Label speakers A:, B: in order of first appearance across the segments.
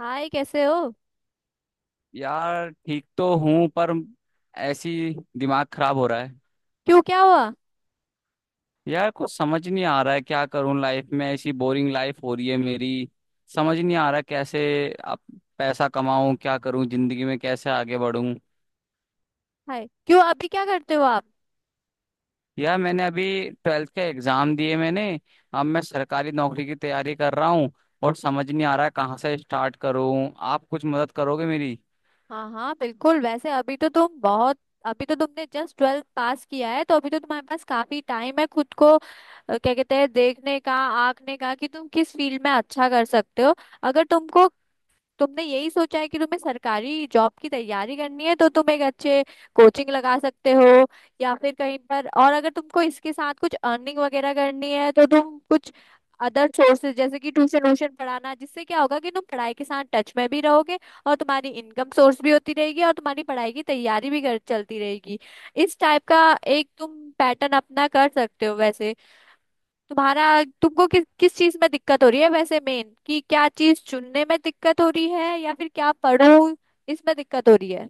A: हाय, कैसे हो।
B: यार ठीक तो हूँ पर ऐसी दिमाग खराब हो रहा है।
A: क्यों, क्या हुआ।
B: यार कुछ समझ नहीं आ रहा है, क्या करूँ लाइफ में। ऐसी बोरिंग लाइफ हो रही है मेरी। समझ नहीं आ रहा कैसे अब पैसा कमाऊँ, क्या करूँ जिंदगी में, कैसे आगे बढ़ूँ।
A: हाय, क्यों अभी क्या करते हो आप।
B: यार मैंने अभी ट्वेल्थ के एग्जाम दिए मैंने। अब मैं सरकारी नौकरी की तैयारी कर रहा हूँ और समझ नहीं आ रहा है कहाँ से स्टार्ट करूँ। आप कुछ मदद करोगे मेरी?
A: हाँ हाँ बिल्कुल। वैसे अभी तो तुम बहुत, अभी तो तुमने जस्ट ट्वेल्थ पास किया है तो अभी तो तुम्हारे पास काफी टाइम है खुद को क्या कहते हैं, देखने का, आंकने का कि तुम किस फील्ड में अच्छा कर सकते हो। अगर तुमको, तुमने यही सोचा है कि तुम्हें सरकारी जॉब की तैयारी करनी है तो तुम एक अच्छे कोचिंग लगा सकते हो या फिर कहीं पर, और अगर तुमको इसके साथ कुछ अर्निंग वगैरह करनी है तो तुम कुछ अदर सोर्सेज जैसे कि ट्यूशन व्यूशन पढ़ाना, जिससे क्या होगा कि तुम पढ़ाई के साथ टच में भी रहोगे और तुम्हारी इनकम सोर्स भी होती रहेगी और तुम्हारी पढ़ाई की तैयारी भी कर, चलती रहेगी। इस टाइप का एक तुम पैटर्न अपना कर सकते हो। वैसे तुम्हारा, तुमको किस किस चीज में दिक्कत हो रही है वैसे, मेन कि क्या चीज चुनने में दिक्कत हो रही है या फिर क्या पढ़ूं इसमें दिक्कत हो रही है।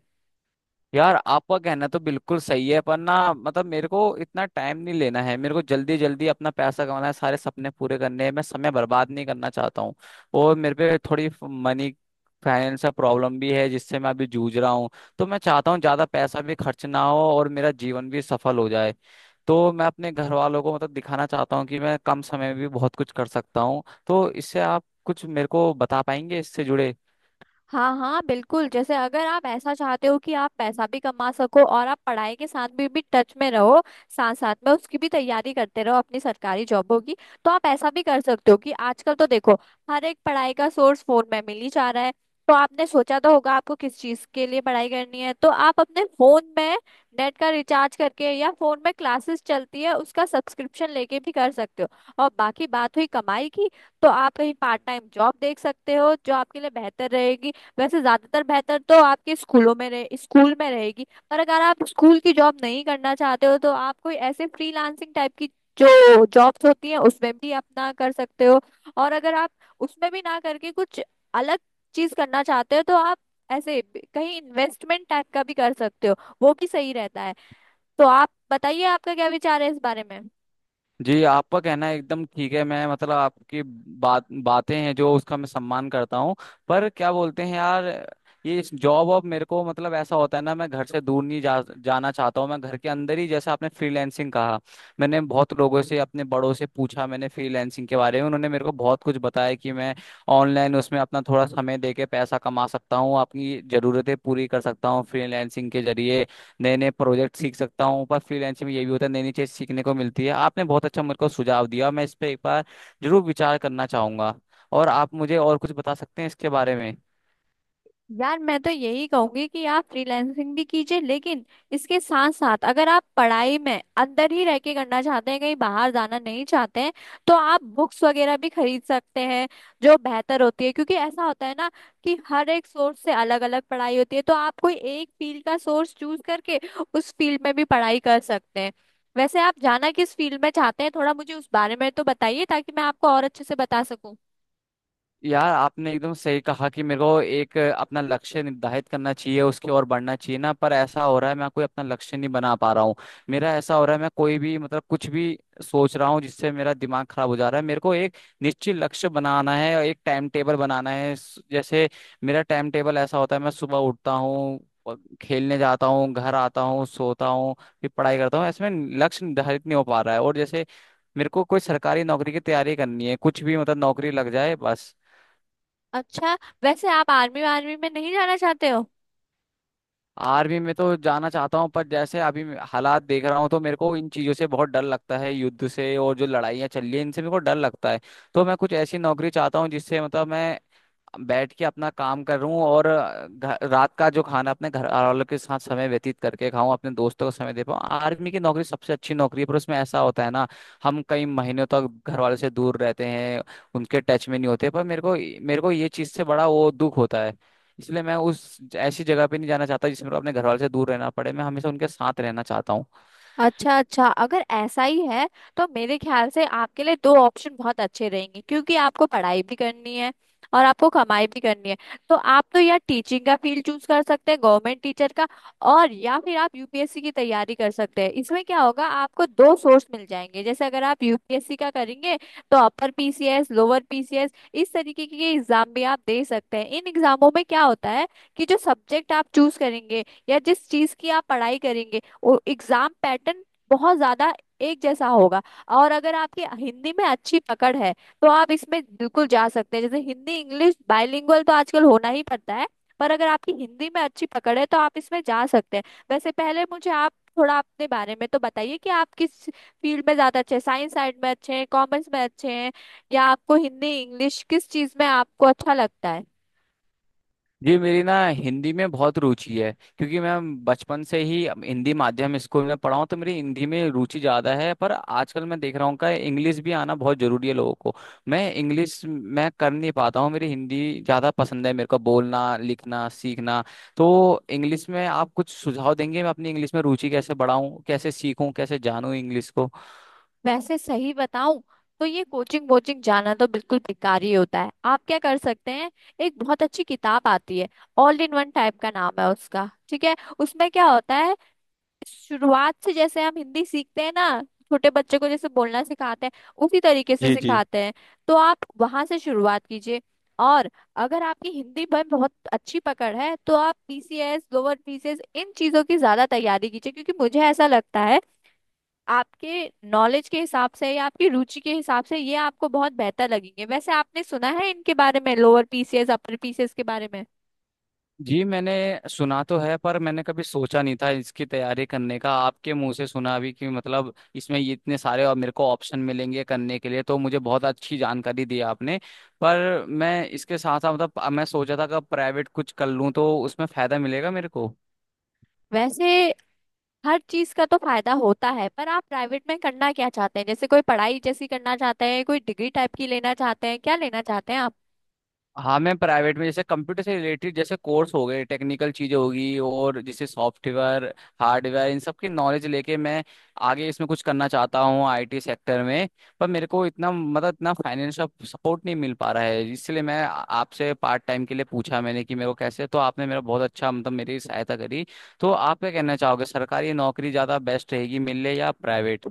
B: यार आपका कहना तो बिल्कुल सही है, पर ना मेरे को इतना टाइम नहीं लेना है। मेरे को जल्दी जल्दी अपना पैसा कमाना है, सारे सपने पूरे करने हैं। मैं समय बर्बाद नहीं करना चाहता हूँ। और मेरे पे थोड़ी मनी फाइनेंस का प्रॉब्लम भी है, जिससे मैं अभी जूझ रहा हूँ। तो मैं चाहता हूँ ज्यादा पैसा भी खर्च ना हो और मेरा जीवन भी सफल हो जाए। तो मैं अपने घर वालों को दिखाना चाहता हूँ कि मैं कम समय में भी बहुत कुछ कर सकता हूँ। तो इससे आप कुछ मेरे को बता पाएंगे इससे जुड़े?
A: हाँ हाँ बिल्कुल, जैसे अगर आप ऐसा चाहते हो कि आप पैसा भी कमा सको और आप पढ़ाई के साथ भी टच में रहो, साथ साथ में उसकी भी तैयारी करते रहो अपनी सरकारी जॉबों की, तो आप ऐसा भी कर सकते हो कि आजकल तो देखो हर एक पढ़ाई का सोर्स फोन में मिल ही जा रहा है। तो आपने सोचा तो होगा आपको किस चीज के लिए पढ़ाई करनी है, तो आप अपने फोन में नेट का रिचार्ज करके, या फोन में क्लासेस चलती है उसका सब्सक्रिप्शन लेके भी कर सकते हो। और बाकी बात हुई कमाई की, तो आप कहीं पार्ट टाइम जॉब देख सकते हो जो आपके लिए बेहतर रहेगी। वैसे ज्यादातर बेहतर तो आपके स्कूलों में रहे, स्कूल में रहेगी, पर अगर आप स्कूल की जॉब नहीं करना चाहते हो तो आप कोई ऐसे फ्रीलांसिंग टाइप की जो जॉब्स होती हैं उसमें भी अपना कर सकते हो। और अगर आप उसमें भी ना करके कुछ अलग चीज करना चाहते हो तो आप ऐसे कहीं इन्वेस्टमेंट टाइप का भी कर सकते हो, वो भी सही रहता है। तो आप बताइए आपका क्या विचार है इस बारे में।
B: जी, आपका कहना एकदम ठीक है। मैं आपकी बातें हैं जो, उसका मैं सम्मान करता हूँ। पर क्या बोलते हैं यार, ये इस जॉब अब मेरे को ऐसा होता है ना, मैं घर से दूर नहीं जा जाना चाहता हूँ। मैं घर के अंदर ही, जैसे आपने फ्रीलैंसिंग कहा। मैंने बहुत लोगों से, अपने बड़ों से पूछा मैंने फ्रीलैंसिंग के बारे में। उन्होंने मेरे को बहुत कुछ बताया कि मैं ऑनलाइन उसमें अपना थोड़ा समय दे के पैसा कमा सकता हूँ, अपनी जरूरतें पूरी कर सकता हूँ फ्रीलैंसिंग के जरिए। नए नए प्रोजेक्ट सीख सकता हूँ। पर फ्रीलैंसिंग में ये भी होता है, नई नई चीज़ सीखने को मिलती है। आपने बहुत अच्छा मेरे को सुझाव दिया, मैं इस पर एक बार जरूर विचार करना चाहूंगा। और आप मुझे और कुछ बता सकते हैं इसके बारे में?
A: यार, मैं तो यही कहूंगी कि आप फ्रीलैंसिंग भी कीजिए, लेकिन इसके साथ साथ, अगर आप पढ़ाई में अंदर ही रह के करना चाहते हैं, कहीं बाहर जाना नहीं चाहते हैं, तो आप बुक्स वगैरह भी खरीद सकते हैं जो बेहतर होती है। क्योंकि ऐसा होता है ना कि हर एक सोर्स से अलग अलग पढ़ाई होती है, तो आप कोई एक फील्ड का सोर्स चूज करके उस फील्ड में भी पढ़ाई कर सकते हैं। वैसे आप जाना किस फील्ड में चाहते हैं, थोड़ा मुझे उस बारे में तो बताइए ताकि मैं आपको और अच्छे से बता सकूं।
B: यार, आपने एकदम सही कहा कि मेरे को एक अपना लक्ष्य निर्धारित करना चाहिए, उसकी ओर बढ़ना चाहिए ना। पर ऐसा हो रहा है मैं कोई अपना लक्ष्य नहीं बना पा रहा हूँ। मेरा ऐसा हो रहा है, मैं कोई भी कुछ भी सोच रहा हूँ, जिससे मेरा दिमाग खराब हो जा रहा है। मेरे को एक निश्चित लक्ष्य बनाना है और एक टाइम टेबल बनाना है। जैसे मेरा टाइम टेबल ऐसा होता है, मैं सुबह उठता हूँ और खेलने जाता हूँ, घर आता हूँ, सोता हूँ, फिर पढ़ाई करता हूँ। ऐसे में लक्ष्य निर्धारित नहीं हो पा रहा है। और जैसे मेरे को कोई सरकारी नौकरी की तैयारी करनी है, कुछ भी नौकरी लग जाए बस।
A: अच्छा, वैसे आप आर्मी आर्मी में नहीं जाना चाहते हो।
B: आर्मी में तो जाना चाहता हूँ, पर जैसे अभी मैं हालात देख रहा हूँ तो मेरे को इन चीजों से बहुत डर लगता है, युद्ध से। और जो लड़ाइयाँ चल रही है इनसे मेरे को डर लगता है। तो मैं कुछ ऐसी नौकरी चाहता हूँ जिससे मैं बैठ के अपना काम कर रहा हूँ और रात का जो खाना अपने घर वालों के साथ समय व्यतीत करके खाऊं, अपने दोस्तों को समय दे पाऊँ। आर्मी की नौकरी सबसे अच्छी नौकरी है, पर उसमें ऐसा होता है ना, हम कई महीनों तक घर वालों से दूर रहते हैं, उनके टच में नहीं होते। पर मेरे को ये चीज़ से बड़ा वो दुख होता है। इसलिए मैं उस ऐसी जगह पे नहीं जाना चाहता जिसमें मेरे को अपने घर वालों से दूर रहना पड़े। मैं हमेशा उनके साथ रहना चाहता हूँ।
A: अच्छा अच्छा, अगर ऐसा ही है तो मेरे ख्याल से आपके लिए दो ऑप्शन बहुत अच्छे रहेंगे, क्योंकि आपको पढ़ाई भी करनी है और आपको कमाई भी करनी है। तो आप तो, या टीचिंग का फील्ड चूज कर सकते हैं, गवर्नमेंट टीचर का, और या फिर आप यूपीएससी की तैयारी कर सकते हैं। इसमें क्या होगा, आपको दो सोर्स मिल जाएंगे। जैसे अगर आप यूपीएससी का करेंगे तो अपर पीसीएस, लोअर पीसीएस, इस तरीके के एग्जाम भी आप दे सकते हैं। इन एग्जामों में क्या होता है कि जो सब्जेक्ट आप चूज करेंगे या जिस चीज की आप पढ़ाई करेंगे और एग्जाम पैटर्न बहुत ज्यादा एक जैसा होगा। और अगर आपकी हिंदी में अच्छी पकड़ है तो आप इसमें बिल्कुल जा सकते हैं। जैसे हिंदी इंग्लिश बाइलिंगुअल तो आजकल होना ही पड़ता है, पर अगर आपकी हिंदी में अच्छी पकड़ है तो आप इसमें जा सकते हैं। वैसे पहले मुझे आप थोड़ा अपने बारे में तो बताइए कि आप किस फील्ड में ज्यादा अच्छे हैं, साइंस साइड में अच्छे हैं, कॉमर्स में अच्छे हैं, या आपको हिंदी इंग्लिश, किस चीज में आपको अच्छा लगता है।
B: जी, मेरी ना हिंदी में बहुत रुचि है, क्योंकि मैं बचपन से ही हिंदी माध्यम स्कूल में पढ़ा हूँ। तो मेरी हिंदी में रुचि ज़्यादा है। पर आजकल मैं देख रहा हूँ कि इंग्लिश भी आना बहुत ज़रूरी है लोगों को। मैं इंग्लिश मैं कर नहीं पाता हूँ। मेरी हिंदी ज़्यादा पसंद है मेरे को, बोलना, लिखना, सीखना। तो इंग्लिश में आप कुछ सुझाव देंगे मैं अपनी इंग्लिश में रुचि कैसे बढ़ाऊँ, कैसे सीखूँ, कैसे जानूँ इंग्लिश को?
A: वैसे सही बताऊं तो ये कोचिंग वोचिंग जाना तो बिल्कुल बेकार ही होता है। आप क्या कर सकते हैं, एक बहुत अच्छी किताब आती है, ऑल इन वन टाइप का नाम है उसका, ठीक है। उसमें क्या होता है, शुरुआत से जैसे हम हिंदी सीखते हैं ना, छोटे बच्चे को जैसे बोलना सिखाते हैं उसी तरीके से
B: जी जी।
A: सिखाते हैं। तो आप वहां से शुरुआत कीजिए। और अगर आपकी हिंदी में बहुत अच्छी पकड़ है तो आप पीसीएस, लोअर पीसीएस, इन चीजों की ज्यादा तैयारी कीजिए, क्योंकि मुझे ऐसा लगता है आपके नॉलेज के हिसाब से या आपकी रुचि के हिसाब से ये आपको बहुत बेहतर लगेंगे। वैसे आपने सुना है इनके बारे में, लोअर पीसीएस अपर पीसीएस के बारे में।
B: जी, मैंने सुना तो है, पर मैंने कभी सोचा नहीं था इसकी तैयारी करने का। आपके मुंह से सुना अभी कि इसमें ये इतने सारे और मेरे को ऑप्शन मिलेंगे करने के लिए। तो मुझे बहुत अच्छी जानकारी दी आपने। पर मैं इसके साथ साथ मैं सोचा था कि प्राइवेट कुछ कर लूँ तो उसमें फायदा मिलेगा मेरे को।
A: वैसे हर चीज का तो फायदा होता है, पर आप प्राइवेट में करना क्या चाहते हैं, जैसे कोई पढ़ाई जैसी करना चाहते हैं, कोई डिग्री टाइप की लेना चाहते हैं, क्या लेना चाहते हैं आप।
B: हाँ, मैं प्राइवेट में जैसे कंप्यूटर से रिलेटेड जैसे कोर्स हो गए, टेक्निकल चीजें होगी और जैसे सॉफ्टवेयर, हार्डवेयर, इन सब की नॉलेज लेके मैं आगे इसमें कुछ करना चाहता हूँ, आईटी सेक्टर में। पर मेरे को इतना इतना फाइनेंशियल सपोर्ट नहीं मिल पा रहा है। इसलिए मैं आपसे पार्ट टाइम के लिए पूछा मैंने कि मेरे को कैसे। तो आपने मेरा बहुत अच्छा मेरी सहायता करी। तो आप क्या कहना चाहोगे, सरकारी नौकरी ज़्यादा बेस्ट रहेगी मिलने या प्राइवेट?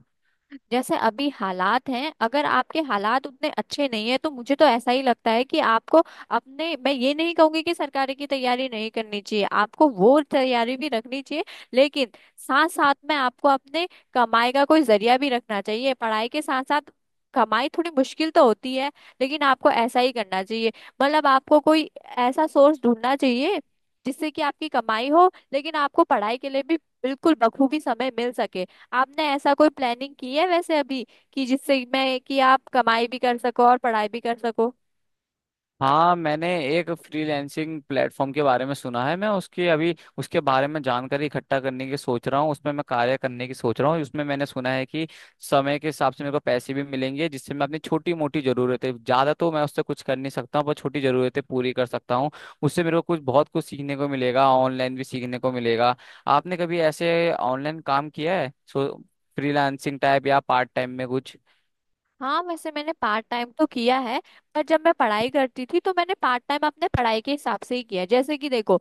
A: जैसे अभी हालात हैं, अगर आपके हालात उतने अच्छे नहीं है, तो मुझे तो ऐसा ही लगता है कि आपको अपने, मैं ये नहीं कहूंगी कि सरकारी की तैयारी नहीं करनी चाहिए, आपको वो तैयारी भी रखनी चाहिए, लेकिन साथ साथ में आपको अपने कमाई का कोई जरिया भी रखना चाहिए, पढ़ाई के साथ साथ। कमाई थोड़ी मुश्किल तो होती है, लेकिन आपको ऐसा ही करना चाहिए। मतलब आपको कोई ऐसा सोर्स ढूंढना चाहिए जिससे कि आपकी कमाई हो, लेकिन आपको पढ़ाई के लिए भी बिल्कुल बखूबी समय मिल सके। आपने ऐसा कोई प्लानिंग की है वैसे अभी, कि जिससे मैं, कि आप कमाई भी कर सको और पढ़ाई भी कर सको।
B: हाँ, मैंने एक फ्रीलैंसिंग प्लेटफॉर्म के बारे में सुना है। मैं उसके अभी उसके बारे में जानकारी इकट्ठा करने की सोच रहा हूँ। उसमें मैं कार्य करने की सोच रहा हूँ। उसमें मैंने सुना है कि समय के हिसाब से मेरे को पैसे भी मिलेंगे, जिससे मैं अपनी छोटी मोटी ज़रूरतें, ज़्यादा तो मैं उससे कुछ कर नहीं सकता हूँ, पर छोटी ज़रूरतें पूरी कर सकता हूँ। उससे मेरे को कुछ बहुत कुछ सीखने को मिलेगा, ऑनलाइन भी सीखने को मिलेगा। आपने कभी ऐसे ऑनलाइन काम किया है, सो फ्रीलांसिंग टाइप या पार्ट टाइम में कुछ?
A: हाँ वैसे मैंने पार्ट टाइम तो किया है, पर जब मैं पढ़ाई करती थी तो मैंने पार्ट टाइम अपने पढ़ाई के हिसाब से ही किया। जैसे कि देखो,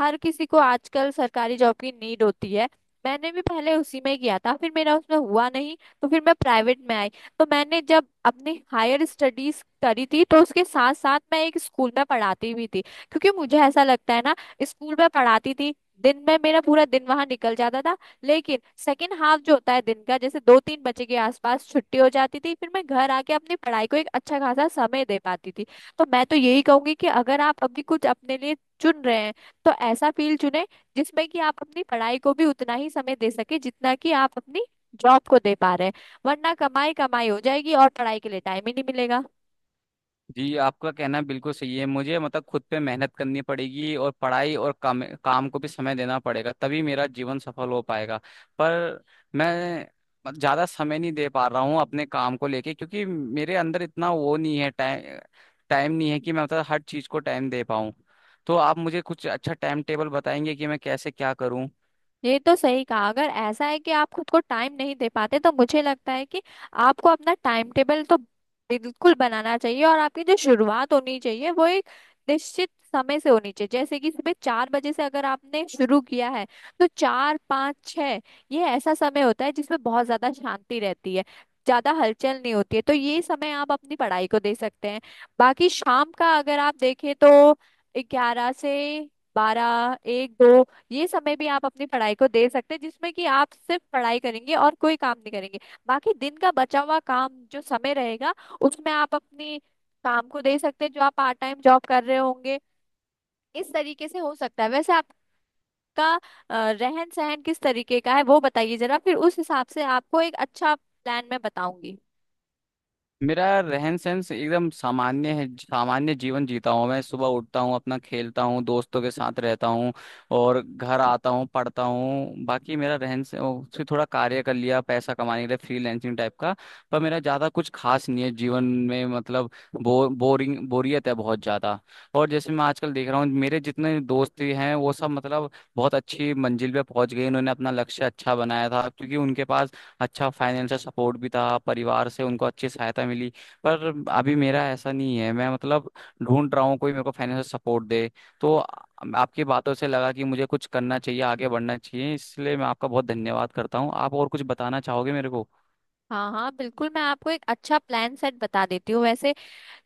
A: हर किसी को आजकल सरकारी जॉब की नीड होती है, मैंने भी पहले उसी में किया था, फिर मेरा उसमें हुआ नहीं, तो फिर मैं प्राइवेट में आई। तो मैंने जब अपनी हायर स्टडीज करी थी तो उसके साथ साथ मैं एक स्कूल में पढ़ाती भी थी, क्योंकि मुझे ऐसा लगता है ना। स्कूल में पढ़ाती थी, दिन में मेरा पूरा दिन वहां निकल जाता था, लेकिन सेकेंड हाफ जो होता है दिन का, जैसे 2 3 बजे के आसपास छुट्टी हो जाती थी, फिर मैं घर आके अपनी पढ़ाई को एक अच्छा खासा समय दे पाती थी। तो मैं तो यही कहूंगी कि अगर आप अभी कुछ अपने लिए चुन रहे हैं तो ऐसा फील्ड चुने जिसमें कि आप अपनी पढ़ाई को भी उतना ही समय दे सके जितना कि आप अपनी जॉब को दे पा रहे हैं, वरना कमाई कमाई हो जाएगी और पढ़ाई के लिए टाइम ही नहीं मिलेगा।
B: जी, आपका कहना बिल्कुल सही है। मुझे खुद पे मेहनत करनी पड़ेगी और पढ़ाई और काम काम को भी समय देना पड़ेगा, तभी मेरा जीवन सफल हो पाएगा। पर मैं ज़्यादा समय नहीं दे पा रहा हूँ अपने काम को लेके, क्योंकि मेरे अंदर इतना वो नहीं है, टाइम। नहीं है कि मैं हर चीज़ को टाइम दे पाऊँ। तो आप मुझे कुछ अच्छा टाइम टेबल बताएंगे कि मैं कैसे क्या करूँ?
A: ये तो सही कहा, अगर ऐसा है कि आप खुद को टाइम नहीं दे पाते तो मुझे लगता है कि आपको अपना टाइम टेबल तो बिल्कुल बनाना चाहिए, और आपकी जो शुरुआत होनी चाहिए वो एक निश्चित समय से होनी चाहिए। जैसे कि सुबह 4 बजे से अगर आपने शुरू किया है, तो 4 5 6, ये ऐसा समय होता है जिसमें बहुत ज्यादा शांति रहती है, ज्यादा हलचल नहीं होती है, तो ये समय आप अपनी पढ़ाई को दे सकते हैं। बाकी शाम का अगर आप देखें तो 11 से 12 1 2 ये समय भी आप अपनी पढ़ाई को दे सकते हैं जिसमें कि आप सिर्फ पढ़ाई करेंगे और कोई काम नहीं करेंगे। बाकी दिन का बचा हुआ काम, जो समय रहेगा, उसमें आप अपनी काम को दे सकते हैं जो आप पार्ट टाइम जॉब कर रहे होंगे। इस तरीके से हो सकता है। वैसे आपका रहन सहन किस तरीके का है वो बताइए जरा, फिर उस हिसाब से आपको एक अच्छा प्लान मैं बताऊंगी।
B: मेरा रहन सहन एकदम सामान्य है, सामान्य जीवन जीता हूँ। मैं सुबह उठता हूँ, अपना खेलता हूँ दोस्तों के साथ, रहता हूँ और घर आता हूँ, पढ़ता हूँ। बाकी मेरा रहन सहन से थोड़ा कार्य कर लिया पैसा कमाने के लिए, फ्रीलैंसिंग टाइप का। पर मेरा ज़्यादा कुछ खास नहीं है जीवन में, बोरिंग बोरियत है बहुत ज़्यादा। और जैसे मैं आजकल देख रहा हूँ मेरे जितने दोस्त भी हैं वो सब बहुत अच्छी मंजिल पे पहुंच गए। उन्होंने अपना लक्ष्य अच्छा बनाया था, क्योंकि उनके पास अच्छा फाइनेंशियल सपोर्ट भी था, परिवार से उनको अच्छी सहायता मिली। पर अभी मेरा ऐसा नहीं है। मैं ढूंढ रहा हूँ कोई मेरे को फाइनेंशियल सपोर्ट दे। तो आपकी बातों से लगा कि मुझे कुछ करना चाहिए, आगे बढ़ना चाहिए। इसलिए मैं आपका बहुत धन्यवाद करता हूँ। आप और कुछ बताना चाहोगे मेरे को?
A: हाँ हाँ बिल्कुल, मैं आपको एक अच्छा प्लान सेट बता देती हूँ। वैसे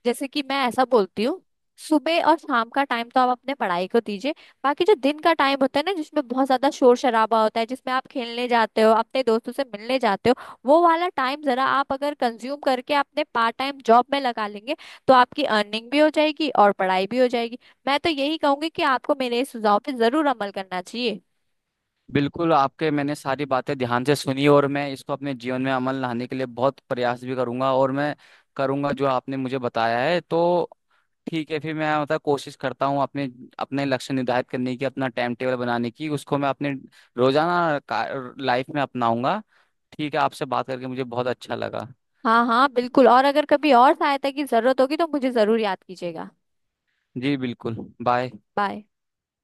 A: जैसे कि मैं ऐसा बोलती हूँ, सुबह और शाम का टाइम तो आप अपने पढ़ाई को दीजिए, बाकी जो दिन का टाइम होता है ना जिसमें बहुत ज्यादा शोर शराबा होता है, जिसमें आप खेलने जाते हो, अपने दोस्तों से मिलने जाते हो, वो वाला टाइम जरा आप अगर कंज्यूम करके अपने पार्ट टाइम जॉब में लगा लेंगे, तो आपकी अर्निंग भी हो जाएगी और पढ़ाई भी हो जाएगी। मैं तो यही कहूंगी कि आपको मेरे इस सुझाव पे जरूर अमल करना चाहिए।
B: बिल्कुल, आपके, मैंने सारी बातें ध्यान से सुनी और मैं इसको अपने जीवन में अमल लाने के लिए बहुत प्रयास भी करूंगा। और मैं करूंगा जो आपने मुझे बताया है। तो ठीक है, फिर मैं कोशिश करता हूँ अपने अपने लक्ष्य निर्धारित करने की, अपना टाइम टेबल बनाने की, उसको मैं अपने रोजाना लाइफ में अपनाऊंगा। ठीक है, आपसे बात करके मुझे बहुत अच्छा लगा।
A: हाँ हाँ बिल्कुल, और अगर कभी और सहायता की जरूरत होगी तो मुझे जरूर याद कीजिएगा।
B: जी बिल्कुल। बाय।
A: बाय।